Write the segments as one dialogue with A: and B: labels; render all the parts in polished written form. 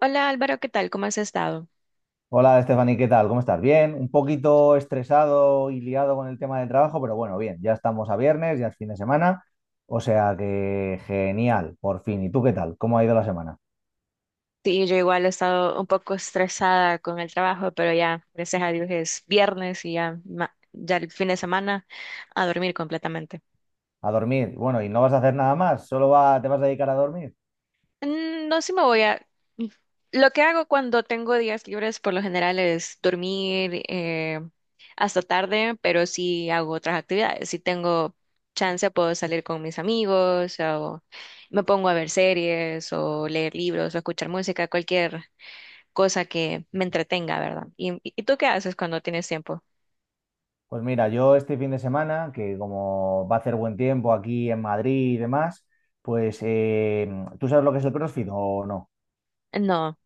A: Hola Álvaro, ¿qué tal? ¿Cómo has estado?
B: Hola, Stephanie, ¿qué tal? ¿Cómo estás? Bien, un poquito estresado y liado con el tema del trabajo, pero bueno, bien, ya estamos a viernes, ya es fin de semana, o sea que genial, por fin. ¿Y tú qué tal? ¿Cómo ha ido la semana?
A: Sí, yo igual he estado un poco estresada con el trabajo, pero ya, gracias a Dios es viernes y ya, ya el fin de semana a dormir completamente.
B: A dormir. Bueno, ¿y no vas a hacer nada más? ¿Solo te vas a dedicar a dormir?
A: No, sí me voy a... mm, Lo que hago cuando tengo días libres por lo general es dormir hasta tarde, pero sí hago otras actividades. Si tengo chance puedo salir con mis amigos o me pongo a ver series o leer libros o escuchar música, cualquier cosa que me entretenga, ¿verdad? ¿Y, tú qué haces cuando tienes tiempo?
B: Pues mira, yo este fin de semana, que como va a hacer buen tiempo aquí en Madrid y demás, pues ¿tú sabes lo que es el CrossFit o no?
A: No.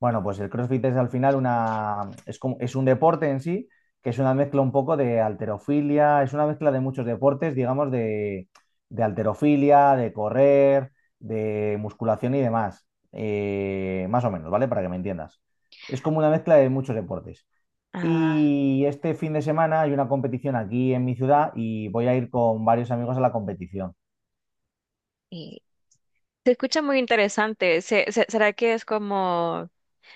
B: Bueno, pues el CrossFit es al final una, es como, es un deporte en sí, que es una mezcla un poco de alterofilia, es una mezcla de muchos deportes, digamos, de halterofilia, de correr, de musculación y demás. Más o menos, ¿vale? Para que me entiendas. Es como una mezcla de muchos deportes.
A: Ah,
B: Y este fin de semana hay una competición aquí en mi ciudad y voy a ir con varios amigos a la competición.
A: y se escucha muy interesante. ¿Será que es como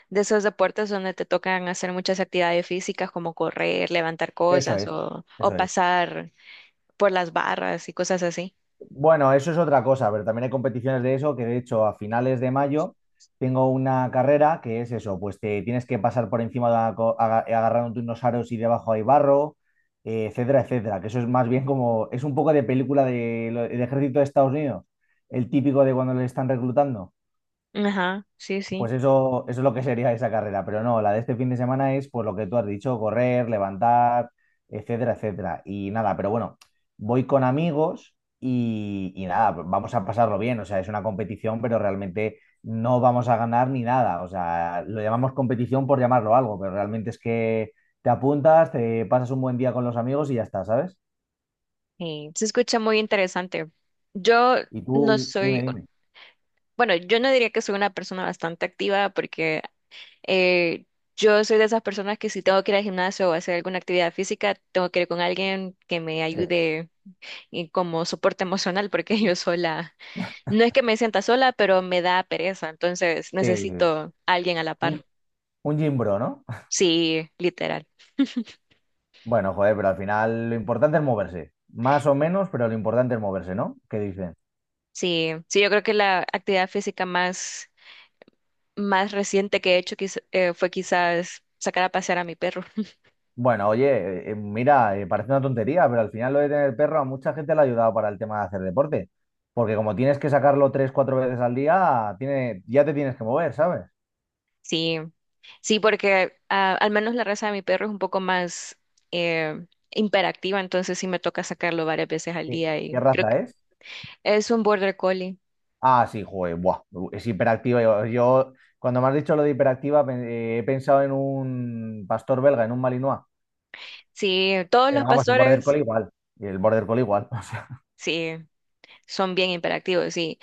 A: de esos deportes donde te tocan hacer muchas actividades físicas como correr, levantar
B: Eso
A: cosas
B: es,
A: o
B: eso es.
A: pasar por las barras y cosas así?
B: Bueno, eso es otra cosa, pero también hay competiciones de eso que de hecho a finales de mayo tengo una carrera que es eso, pues te tienes que pasar por encima de una agarrándote unos aros y debajo hay barro, etcétera, etcétera, que eso es más bien como, es un poco de película del ejército de Estados Unidos, el típico de cuando le están reclutando.
A: Ajá, sí,
B: Pues
A: sí.
B: eso es lo que sería esa carrera, pero no, la de este fin de semana es pues lo que tú has dicho, correr, levantar, etcétera, etcétera. Y nada, pero bueno, voy con amigos y nada, vamos a pasarlo bien, o sea, es una competición, pero realmente no vamos a ganar ni nada, o sea, lo llamamos competición por llamarlo algo, pero realmente es que te apuntas, te pasas un buen día con los amigos y ya está, ¿sabes?
A: Y se escucha muy interesante. Yo
B: Y
A: no
B: tú,
A: soy,
B: dime, dime.
A: bueno, yo no diría que soy una persona bastante activa porque Eh, yo soy de esas personas que si tengo que ir al gimnasio o hacer alguna actividad física, tengo que ir con alguien que me
B: Sí,
A: ayude y como soporte emocional, porque yo sola, no es que me sienta sola, pero me da pereza, entonces
B: sí, sí.
A: necesito a alguien a la par.
B: Un, un gym bro, ¿no?
A: Sí, literal.
B: Bueno, joder, pero al final lo importante es moverse. Más o menos, pero lo importante es moverse, ¿no? ¿Qué dicen?
A: Sí, sí, yo creo que la actividad física más reciente que he hecho fue quizás sacar a pasear a mi perro.
B: Bueno, oye, mira, parece una tontería, pero al final lo de tener perro a mucha gente le ha ayudado para el tema de hacer deporte. Porque como tienes que sacarlo tres, cuatro veces al día, tiene, ya te tienes que mover, ¿sabes?
A: Sí. Sí, porque ah, al menos la raza de mi perro es un poco más imperactiva, entonces sí me toca sacarlo varias veces al día
B: Qué
A: y creo
B: raza
A: que
B: es?
A: es un border collie.
B: Ah, sí, joder, buah, es hiperactiva. Cuando me has dicho lo de hiperactiva, he pensado en un pastor belga, en un Malinois.
A: Sí, todos
B: Pero
A: los
B: vamos, el Border
A: pastores,
B: Collie igual. Y el Border Collie igual.
A: sí, son bien imperactivos, sí.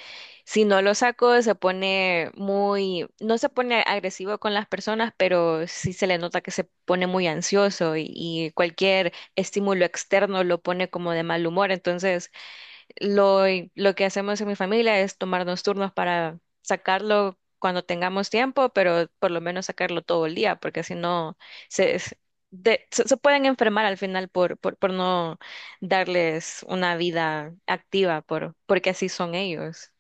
A: Si no lo saco, se pone muy, no se pone agresivo con las personas, pero sí se le nota que se pone muy ansioso y, cualquier estímulo externo lo pone como de mal humor, entonces Lo, lo que hacemos en mi familia es tomarnos turnos para sacarlo cuando tengamos tiempo, pero por lo menos sacarlo todo el día, porque si no, se, se, se pueden enfermar al final por no darles una vida activa, porque así son ellos.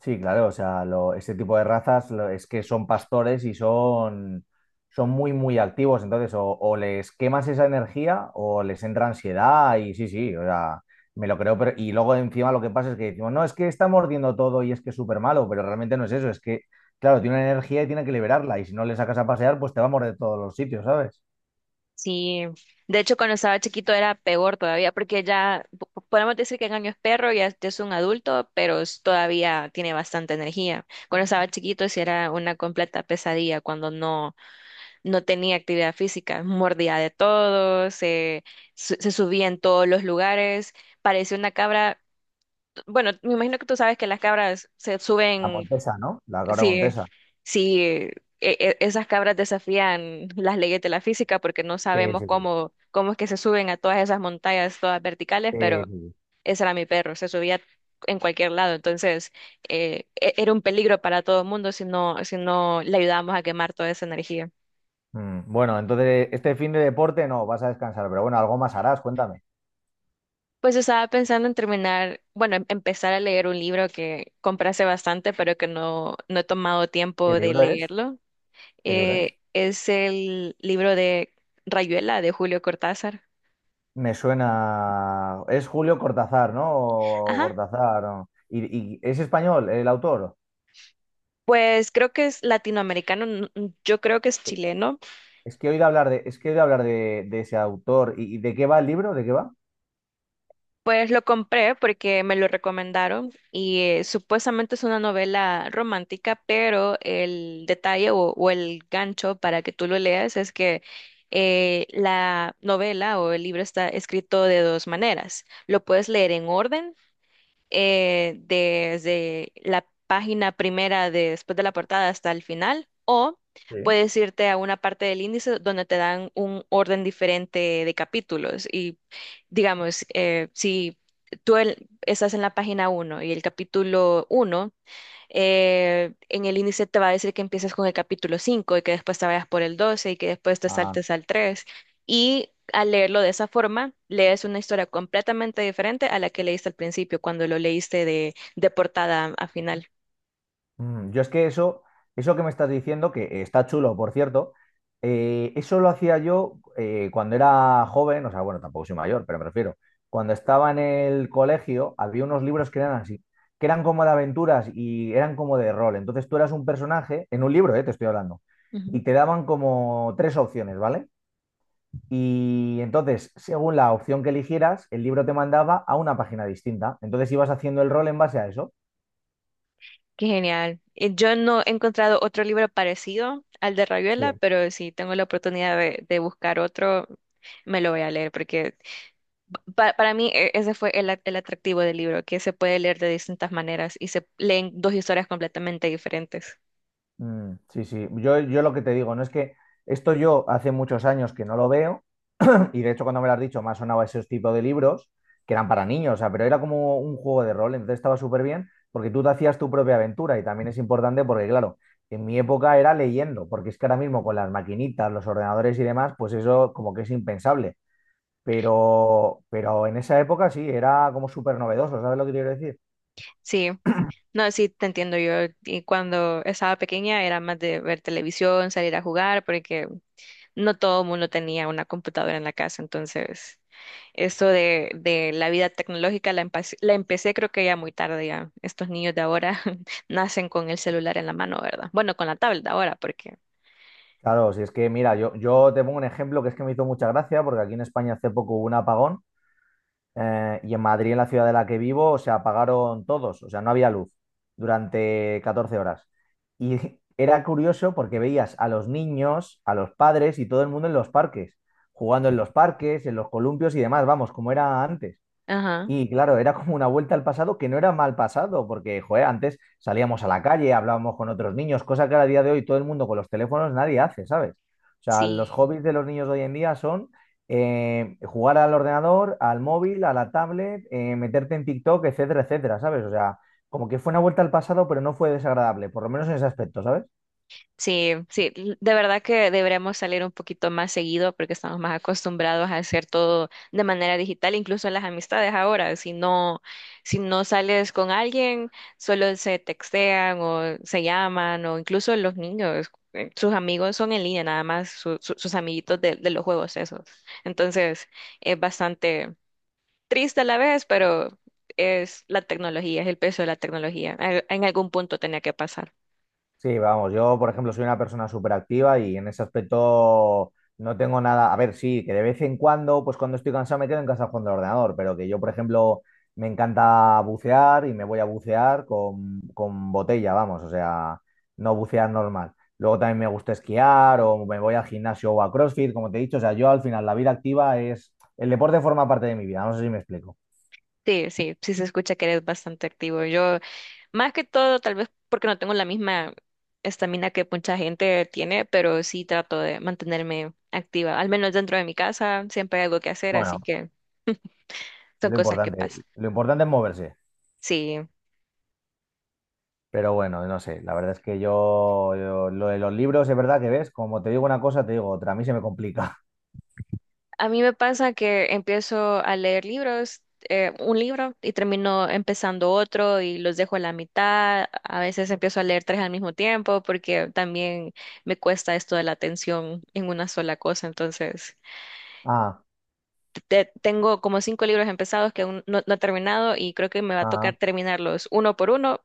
B: Sí, claro, o sea, este tipo de razas es que son pastores y son, son muy, muy activos. Entonces, o les quemas esa energía o les entra ansiedad y sí, sí, o sea, me lo creo. Pero, y luego encima lo que pasa es que decimos, no, es que está mordiendo todo y es que es súper malo, pero realmente no es eso, es que, claro, tiene una energía y tiene que liberarla y si no le sacas a pasear, pues te va a morder todos los sitios, ¿sabes?
A: Sí, de hecho cuando estaba chiquito era peor todavía, porque ya podemos decir que Engaño es perro, ya es un adulto, pero todavía tiene bastante energía. Cuando estaba chiquito sí era una completa pesadilla cuando no tenía actividad física, mordía de todo, se subía en todos los lugares, parecía una cabra. Bueno, me imagino que tú sabes que las cabras se
B: La
A: suben,
B: Montesa, ¿no? La cabra
A: si,
B: Montesa.
A: si eh, esas cabras desafían las leyes de la física, porque no
B: Sí,
A: sabemos
B: sí, sí.
A: cómo es que se suben a todas esas montañas, todas verticales,
B: Sí,
A: pero
B: sí, sí.
A: ese era mi perro, se subía en cualquier lado, entonces era un peligro para todo el mundo si si no le ayudábamos a quemar toda esa energía.
B: Bueno, entonces este fin de deporte no, vas a descansar, pero bueno, algo más harás, cuéntame.
A: Pues estaba pensando en terminar, bueno, empezar a leer un libro que compré hace bastante, pero que no he tomado
B: ¿Qué
A: tiempo de
B: libro es?
A: leerlo.
B: ¿Qué libro es?
A: Es el libro de Rayuela, de Julio Cortázar.
B: Me suena. Es Julio Cortázar, ¿no? O
A: Ajá.
B: Cortázar, ¿no? Y es español el autor?
A: Pues creo que es latinoamericano, yo creo que es chileno.
B: Es que he oído hablar de, es que he oído hablar de ese autor. Y de qué va el libro? ¿De qué va?
A: Pues lo compré porque me lo recomendaron y supuestamente es una novela romántica, pero el detalle o el gancho para que tú lo leas es que la novela o el libro está escrito de dos maneras. Lo puedes leer en orden desde la página primera después de la portada hasta el final, o
B: Sí.
A: puedes irte a una parte del índice donde te dan un orden diferente de capítulos. Y digamos, si tú estás en la página uno y el capítulo uno, en el índice te va a decir que empieces con el capítulo 5 y que después te vayas por el 12 y que después te
B: Ah.
A: saltes al tres. Y al leerlo de esa forma, lees una historia completamente diferente a la que leíste al principio cuando lo leíste de portada a final.
B: Yo es que eso que me estás diciendo, que está chulo, por cierto, eso lo hacía yo cuando era joven, o sea, bueno, tampoco soy mayor, pero me refiero, cuando estaba en el colegio había unos libros que eran así, que eran como de aventuras y eran como de rol. Entonces tú eras un personaje, en un libro, te estoy hablando,
A: Ujú.
B: y te daban como tres opciones, ¿vale? Y entonces, según la opción que eligieras, el libro te mandaba a una página distinta. Entonces ibas haciendo el rol en base a eso.
A: Qué genial. Yo no he encontrado otro libro parecido al de
B: Sí.
A: Rayuela, pero si tengo la oportunidad de buscar otro, me lo voy a leer porque para mí ese fue el atractivo del libro, que se puede leer de distintas maneras y se leen dos historias completamente diferentes.
B: Mm, sí, sí. Yo lo que te digo, no es que esto yo hace muchos años que no lo veo, y de hecho cuando me lo has dicho me ha sonado ese tipo de libros que eran para niños, o sea, pero era como un juego de rol, entonces estaba súper bien porque tú te hacías tu propia aventura y también es importante porque, claro, en mi época era leyendo, porque es que ahora mismo con las maquinitas, los ordenadores y demás, pues eso como que es impensable, pero en esa época sí, era como súper novedoso, ¿sabes lo que quiero decir?
A: Sí, no, sí, te entiendo yo. Y cuando estaba pequeña era más de ver televisión, salir a jugar, porque no todo el mundo tenía una computadora en la casa. Entonces, eso de la vida tecnológica la empecé creo que ya muy tarde ya. Estos niños de ahora nacen con el celular en la mano, ¿verdad? Bueno, con la tablet ahora, porque...
B: Claro, si es que, mira, yo te pongo un ejemplo que es que me hizo mucha gracia, porque aquí en España hace poco hubo un apagón y en Madrid, en la ciudad de la que vivo, se apagaron todos, o sea, no había luz durante 14 horas. Y era curioso porque veías a los niños, a los padres y todo el mundo en los parques, jugando en los parques, en los columpios y demás, vamos, como era antes.
A: Ajá,
B: Y claro, era como una vuelta al pasado que no era mal pasado, porque, joder, antes salíamos a la calle, hablábamos con otros niños, cosa que a día de hoy todo el mundo con los teléfonos nadie hace, ¿sabes? O sea, los
A: sí.
B: hobbies de los niños de hoy en día son jugar al ordenador, al móvil, a la tablet, meterte en TikTok, etcétera, etcétera, ¿sabes? O sea, como que fue una vuelta al pasado, pero no fue desagradable, por lo menos en ese aspecto, ¿sabes?
A: Sí, sí, de verdad que deberíamos salir un poquito más seguido porque estamos más acostumbrados a hacer todo de manera digital, incluso las amistades ahora. Si no, si no sales con alguien, solo se textean o se llaman o incluso los niños, sus amigos son en línea nada más, sus amiguitos de los juegos esos. Entonces, es bastante triste a la vez, pero es la tecnología, es el peso de la tecnología. En algún punto tenía que pasar.
B: Sí, vamos, yo por ejemplo soy una persona súper activa y en ese aspecto no tengo nada, a ver, sí, que de vez en cuando, pues cuando estoy cansado me quedo en casa jugando al ordenador, pero que yo por ejemplo me encanta bucear y me voy a bucear con botella, vamos, o sea, no bucear normal. Luego también me gusta esquiar o me voy al gimnasio o a CrossFit, como te he dicho, o sea, yo al final la vida activa es, el deporte forma parte de mi vida, no sé si me explico.
A: Sí, sí, sí se escucha que eres bastante activo. Yo, más que todo, tal vez porque no tengo la misma estamina que mucha gente tiene, pero sí trato de mantenerme activa. Al menos dentro de mi casa siempre hay algo que hacer, así
B: Bueno,
A: que
B: es
A: son cosas que pasan.
B: lo importante es moverse.
A: Sí,
B: Pero bueno, no sé, la verdad es que lo de los libros es verdad que ves, como te digo una cosa, te digo otra, a mí se me complica.
A: a mí me pasa que empiezo a leer libros, un libro, y termino empezando otro y los dejo a la mitad. A veces empiezo a leer tres al mismo tiempo porque también me cuesta esto de la atención en una sola cosa, entonces...
B: Ah,
A: tengo como cinco libros empezados que aún no he terminado y creo que me va a
B: ah,
A: tocar terminarlos uno por uno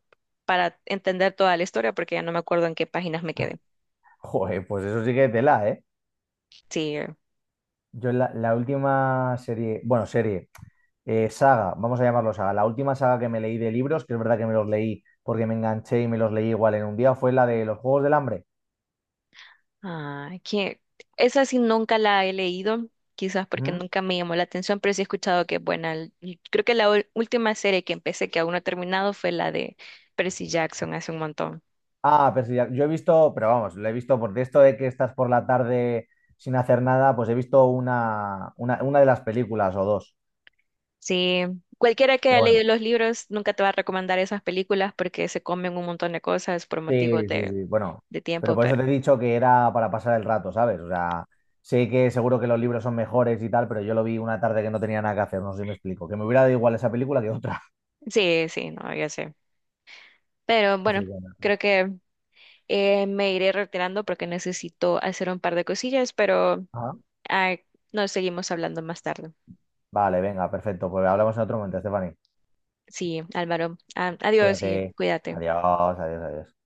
A: para entender toda la historia porque ya no me acuerdo en qué páginas me quedé.
B: joder, pues eso sí que tela, ¿eh?
A: Sí,
B: La última serie, bueno, serie, saga, vamos a llamarlo saga, la última saga que me leí de libros, que es verdad que me los leí porque me enganché y me los leí igual en un día, fue la de los Juegos del Hambre.
A: ah, que esa sí nunca la he leído, quizás porque
B: ¿Mm?
A: nunca me llamó la atención, pero sí he escuchado que es buena. Creo que la última serie que empecé que aún no he terminado fue la de Percy Jackson hace un montón.
B: Ah, pero sí, yo he visto, pero vamos, lo he visto porque esto de que estás por la tarde sin hacer nada, pues he visto una de las películas o dos.
A: Sí, cualquiera que
B: Pero
A: haya
B: bueno.
A: leído los libros nunca te va a recomendar esas películas porque se comen un montón de cosas por motivos
B: Sí, sí, sí. Bueno,
A: de
B: pero
A: tiempo,
B: por eso
A: pero
B: te he dicho que era para pasar el rato, ¿sabes? O sea, sé que seguro que los libros son mejores y tal, pero yo lo vi una tarde que no tenía nada que hacer, no sé si me explico. Que me hubiera dado igual esa película que otra.
A: sí, sí, no, ya sé. Pero
B: Así
A: bueno,
B: que nada.
A: creo que me iré retirando porque necesito hacer un par de cosillas, pero
B: Ajá.
A: ah, nos seguimos hablando más tarde.
B: Vale, venga, perfecto. Pues hablamos en otro momento, Stephanie.
A: Sí, Álvaro, ah, adiós y
B: Cuídate.
A: cuídate.
B: Adiós, adiós, adiós.